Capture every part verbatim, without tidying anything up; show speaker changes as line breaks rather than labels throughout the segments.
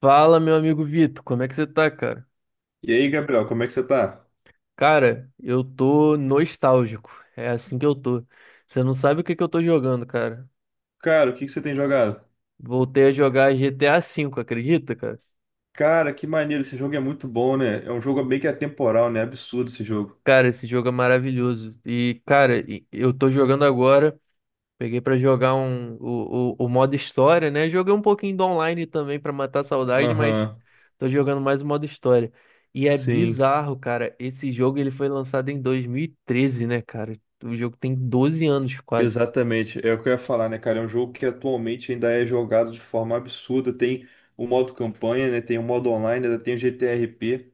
Fala, meu amigo Vitor, como é que você tá, cara?
E aí, Gabriel, como é que você tá?
Cara, eu tô nostálgico. É assim que eu tô. Você não sabe o que que eu tô jogando, cara.
Cara, o que que você tem jogado?
Voltei a jogar G T A V, acredita, cara?
Cara, que maneiro, esse jogo é muito bom, né? É um jogo meio que atemporal, né? Absurdo esse jogo.
Cara, esse jogo é maravilhoso. E, cara, e- eu tô jogando agora. Peguei pra jogar um, o, o, o modo história, né? Joguei um pouquinho do online também pra matar a saudade, mas
Aham,
tô jogando mais o modo história. E é
sim,
bizarro, cara. Esse jogo ele foi lançado em dois mil e treze, né, cara? O jogo tem doze anos quase.
exatamente. É o que eu ia falar, né, cara? É um jogo que atualmente ainda é jogado de forma absurda. Tem o modo campanha, né? Tem o modo online, ainda tem o G T R P.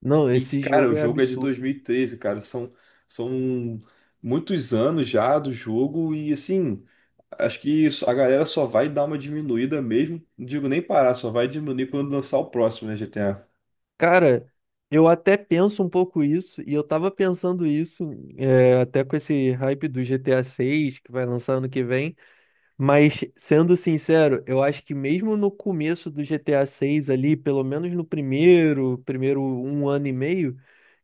Não,
E,
esse
cara,
jogo
o
é
jogo é de
absurdo.
dois mil e treze, cara. São, são muitos anos já do jogo e, assim, acho que isso- a galera só vai dar uma diminuída mesmo. Não digo nem parar, só vai diminuir quando lançar o próximo, né, G T A?
Cara, eu até penso um pouco isso, e eu tava pensando isso, é, até com esse hype do G T A seis que vai lançar ano que vem. Mas, sendo sincero, eu acho que mesmo no começo do G T A seis ali, pelo menos no primeiro, primeiro um ano e meio,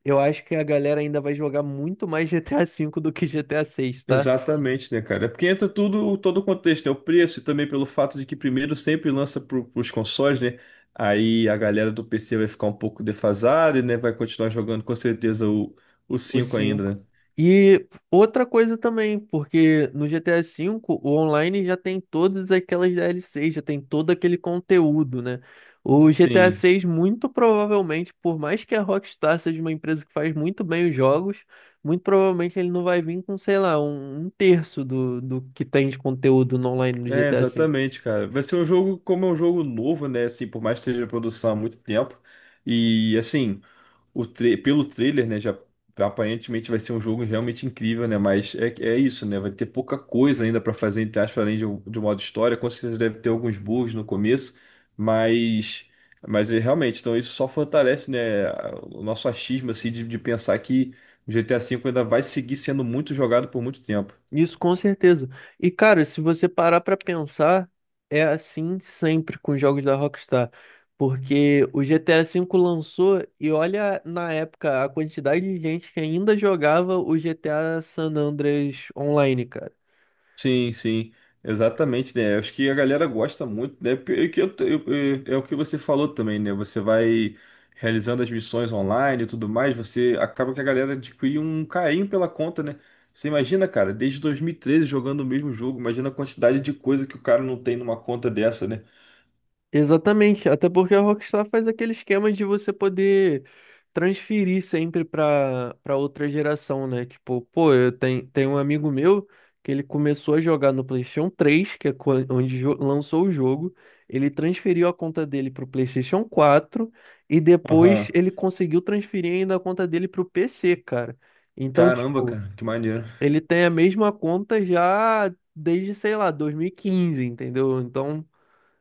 eu acho que a galera ainda vai jogar muito mais G T A cinco do que G T A seis, tá?
Exatamente, né, cara? É porque entra tudo, todo o contexto, né? O preço e também pelo fato de que primeiro sempre lança para os consoles, né? Aí a galera do P C vai ficar um pouco defasada, né? Vai continuar jogando com certeza o, o
Os
cinco ainda,
cinco.
né?
E outra coisa também, porque no G T A V o online já tem todas aquelas D L Cs, já tem todo aquele conteúdo, né? O G T A
Sim.
seis muito provavelmente, por mais que a Rockstar seja uma empresa que faz muito bem os jogos, muito provavelmente ele não vai vir com, sei lá, um, um terço do, do que tem de conteúdo no online no
É,
G T A V.
exatamente, cara. Vai ser um jogo, como é um jogo novo, né? Assim, por mais que esteja em produção há muito tempo. E, assim, o tra- pelo trailer, né? Já aparentemente vai ser um jogo realmente incrível, né? Mas é, é isso, né? Vai ter pouca coisa ainda pra fazer, entre aspas, além de, um- de um modo história. Com certeza deve ter alguns bugs no começo, mas. Mas é, realmente, então isso só fortalece, né, a- o nosso achismo, assim, de, de pensar que o G T A V ainda vai seguir sendo muito jogado por muito tempo.
Isso com certeza. E cara, se você parar pra pensar, é assim sempre com os jogos da Rockstar, porque o G T A V lançou e olha na época a quantidade de gente que ainda jogava o G T A San Andreas online, cara.
Sim, sim, exatamente, né? Acho que a galera gosta muito, né? Porque é que eu- eu- eu- é o que você falou também, né? Você vai realizando as missões online e tudo mais, você acaba que a galera adquire um carinho pela conta, né? Você imagina, cara, desde dois mil e treze jogando o mesmo jogo, imagina a quantidade de coisa que o cara não tem numa conta dessa, né?
Exatamente, até porque a Rockstar faz aquele esquema de você poder transferir sempre para para outra geração, né? Tipo, pô, eu tenho, tenho um amigo meu que ele começou a jogar no PlayStation três que é quan- onde jo- lançou o jogo, ele transferiu a conta dele para o PlayStation quatro e depois
Aham.
ele conseguiu transferir ainda a conta dele para o P C, cara. Então,
Caramba,
tipo,
cara, que maneiro.
ele tem a mesma conta já desde, sei lá, dois mil e quinze, entendeu? Então.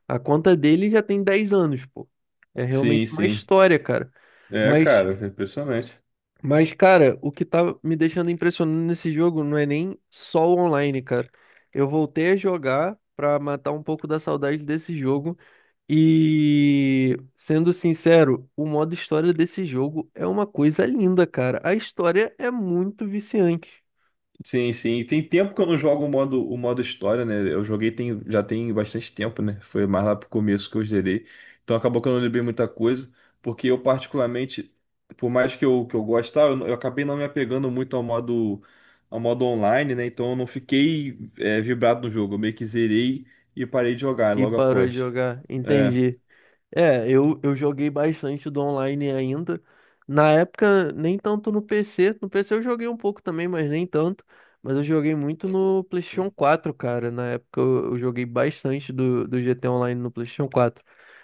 A conta dele já tem dez anos, pô. É
Sim,
realmente uma
sim.
história, cara.
É,
Mas,
cara, é impressionante.
mas, cara, o que tá me deixando impressionado nesse jogo não é nem só o online, cara. Eu voltei a jogar pra matar um pouco da saudade desse jogo. E, sendo sincero, o modo história desse jogo é uma coisa linda, cara. A história é muito viciante.
Sim, sim. E tem tempo que eu não jogo o modo, o modo história, né? Eu joguei tem, já tem bastante tempo, né? Foi mais lá pro começo que eu zerei. Então acabou que eu não lembrei muita coisa, porque eu particularmente, por mais que eu, que eu goste, tá, eu, não- eu acabei não me apegando muito ao modo, ao modo online, né? Então eu não fiquei é, vibrado no jogo. Eu meio que zerei e parei de jogar
E
logo
parou de
após.
jogar,
É,
entendi. É, eu, eu joguei bastante do online ainda. Na época, nem tanto no P C. No P C eu joguei um pouco também, mas nem tanto. Mas eu joguei muito no PlayStation quatro, cara. Na época eu, eu joguei bastante do, do G T Online no PlayStation quatro.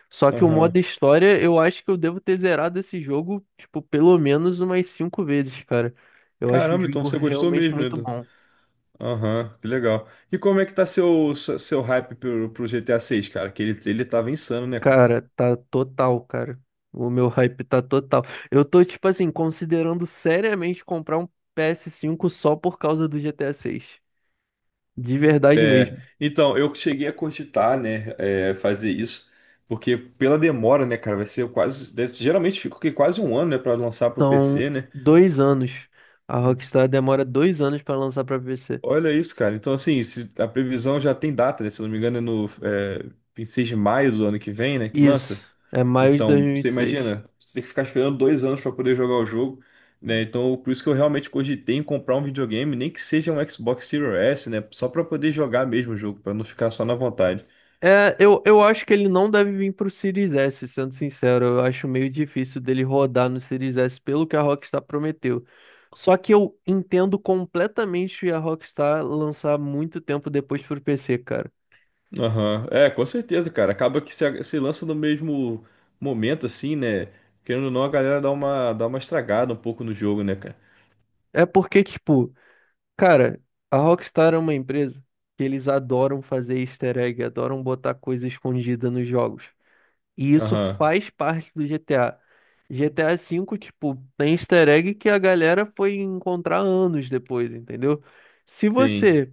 Só que o
aham.
modo história, eu acho que eu devo ter zerado esse jogo, tipo, pelo menos umas cinco vezes, cara. Eu acho o
Caramba, então
jogo
você gostou
realmente
mesmo, né?
muito bom.
Aham, que legal. E como é que tá seu, seu seu hype pro, pro G T A seis, cara? Que ele, ele tava insano, né, cara?
Cara, tá total, cara. O meu hype tá total. Eu tô, tipo assim, considerando seriamente comprar um p s cinco só por causa do G T A seis. De verdade mesmo.
É, então, eu cheguei a cogitar, né, é, fazer isso, porque pela demora, né, cara, vai ser quase, deve- geralmente fica o quê? Quase um ano, né, pra lançar pro
São
P C, né?
dois anos. A Rockstar demora dois anos pra lançar pra P C.
Olha isso, cara. Então, assim, se- a previsão já tem data, né? Se eu não me engano, é no é, vinte e seis de maio do ano que vem, né, que lança.
Isso. É maio de dois
Então,
mil e vinte
você
e seis
imagina, você tem que ficar esperando dois anos para poder jogar o jogo, né? Então, por isso que eu realmente cogitei em comprar um videogame, nem que seja um Xbox Series S, né? Só para poder jogar mesmo o jogo, para não ficar só na vontade.
É, eu, eu acho que ele não deve vir pro Series S, sendo sincero. Eu acho meio difícil dele rodar no Series S pelo que a Rockstar prometeu. Só que eu entendo completamente a Rockstar lançar muito tempo depois pro P C, cara.
Aham, é, com certeza, cara. Acaba que se, se lança no mesmo momento, assim, né? Querendo ou não, a galera dá uma, dá uma estragada um pouco no jogo, né, cara?
É porque, tipo, cara, a Rockstar é uma empresa que eles adoram fazer easter egg, adoram botar coisa escondida nos jogos. E isso
Aham,
faz parte do G T A. G T A cinco, tipo, tem easter egg que a galera foi encontrar anos depois, entendeu? Se
sim.
você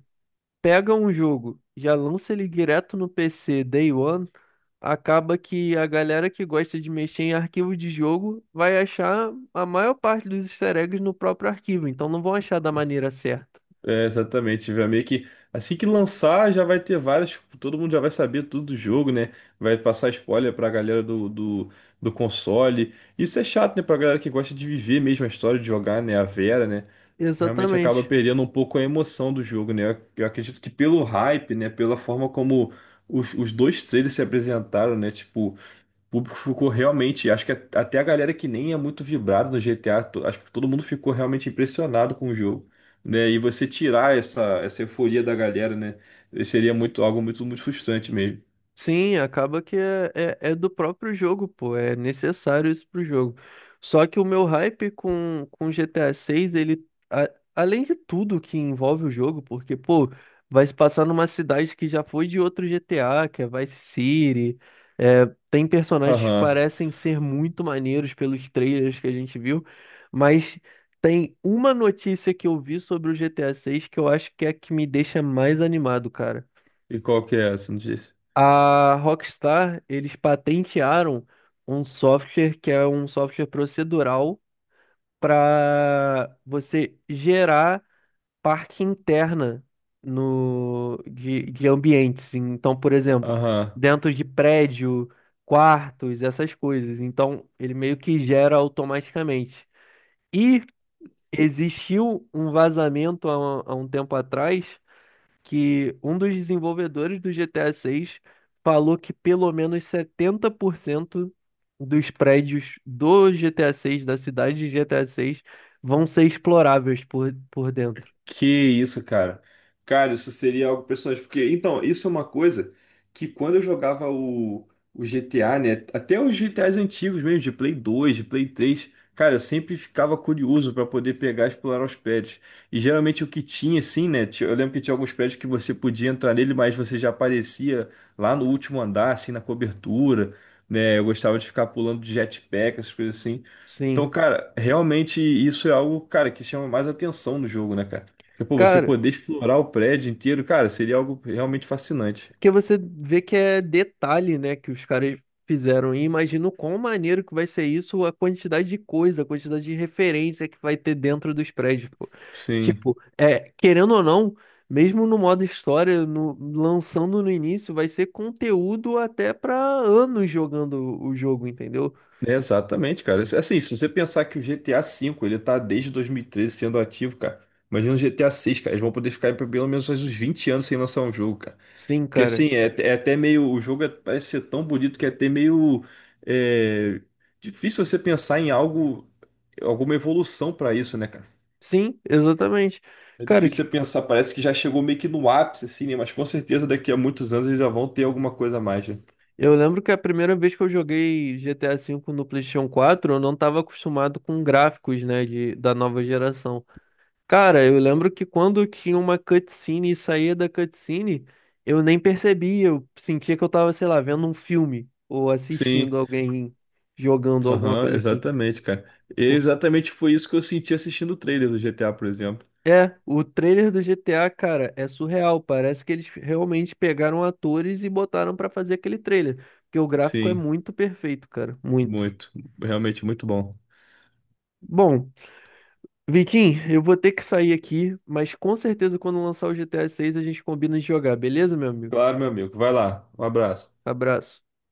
pega um jogo, já lança ele direto no P C Day One, acaba que a galera que gosta de mexer em arquivo de jogo vai achar a maior parte dos easter eggs no próprio arquivo, então não vão achar da maneira certa.
É, exatamente, vai meio que assim que lançar já vai ter várias, tipo, todo mundo já vai saber tudo do jogo, né? Vai passar spoiler pra galera do, do, do console. Isso é chato, né, pra galera que gosta de viver mesmo a história de jogar, né, a Vera, né? Realmente acaba
Exatamente.
perdendo um pouco a emoção do jogo, né? Eu eu acredito que pelo hype, né, pela forma como os, os dois trailers se apresentaram, né, tipo o público ficou realmente, acho que a- até a galera que nem é muito vibrada no G T A, to- acho que todo mundo ficou realmente impressionado com o jogo, né? E você tirar essa, essa euforia da galera, né? Seria muito, algo muito, muito frustrante mesmo.
Sim, acaba que é, é, é do próprio jogo, pô. É necessário isso pro jogo. Só que o meu hype com, com G T A seis, ele, a- além de tudo que envolve o jogo, porque, pô, vai se passar numa cidade que já foi de outro G T A, que é Vice City. é, Tem personagens que
Aham.
parecem ser muito maneiros pelos trailers que a gente viu, mas tem uma notícia que eu vi sobre o G T A seis que eu acho que é a que me deixa mais animado, cara.
E qual que é essa, não disse?
A Rockstar, eles patentearam um software que é um software procedural para você gerar parte interna no, de, de ambientes. Então, por exemplo,
Aham.
dentro de prédio, quartos, essas coisas. Então, ele meio que gera automaticamente. E existiu um vazamento há, há um tempo atrás que um dos desenvolvedores do G T A seis falou que pelo menos setenta por cento dos prédios do GTA VI da cidade de GTA VI vão ser exploráveis por, por dentro.
Que isso, cara. Cara, isso seria algo personagem. Porque, então, isso é uma coisa que quando eu jogava o, o G T A, né? Até os G T As antigos mesmo, de Play dois, de Play três, cara, eu sempre ficava curioso para poder pegar e explorar os prédios. E geralmente o que tinha, assim, né? ti- Eu lembro que tinha alguns prédios que você podia entrar nele, mas você já aparecia lá no último andar, assim, na cobertura, né? Eu gostava de ficar pulando de jetpack, essas coisas assim. Então,
Sim.
cara, realmente isso é algo, cara, que chama mais atenção no jogo, né, cara? Porque, pô, você
Cara,
poder explorar o prédio inteiro, cara, seria algo realmente fascinante.
porque você vê que é detalhe, né, que os caras fizeram. E imagino quão maneiro que vai ser isso, a quantidade de coisa, a quantidade de referência que vai ter dentro dos prédios, pô.
Sim,
Tipo, é, querendo ou não, mesmo no modo história, no- lançando no início, vai ser conteúdo até pra anos jogando o jogo, entendeu?
é exatamente, cara. Assim, se você pensar que o G T A V, ele tá desde dois mil e treze sendo ativo, cara. Imagina o G T A seis, cara. Eles vão poder ficar aí por pelo menos mais uns vinte anos sem lançar um jogo, cara.
Sim,
Porque,
cara.
assim, é, é até meio... O jogo é- parece ser tão bonito que é até meio... é, difícil você pensar em algo... Alguma evolução pra isso, né, cara?
Sim, exatamente.
É
Cara, que
difícil você pensar. Parece que já chegou meio que no ápice, assim, né? Mas com certeza daqui a muitos anos eles já vão ter alguma coisa a mais, né?
Eu lembro que a primeira vez que eu joguei G T A V no PlayStation quatro, eu não estava acostumado com gráficos, né, de, da nova geração. Cara, eu lembro que quando tinha uma cutscene e saía da cutscene, eu nem percebia, eu sentia que eu tava, sei lá, vendo um filme ou assistindo
Sim,
alguém jogando alguma
aham,
coisa assim.
exatamente, cara. E
Por-
exatamente foi isso que eu senti assistindo o trailer do G T A, por exemplo.
É, o trailer do G T A, cara, é surreal. Parece que eles realmente pegaram atores e botaram pra fazer aquele trailer, porque o gráfico é
Sim,
muito perfeito, cara, muito.
muito. Realmente muito bom.
Bom, Vitinho, eu vou ter que sair aqui, mas com certeza quando lançar o G T A seis a seis a gente combina de jogar, beleza, meu amigo?
Claro, meu amigo. Vai lá. Um abraço.
Abraço.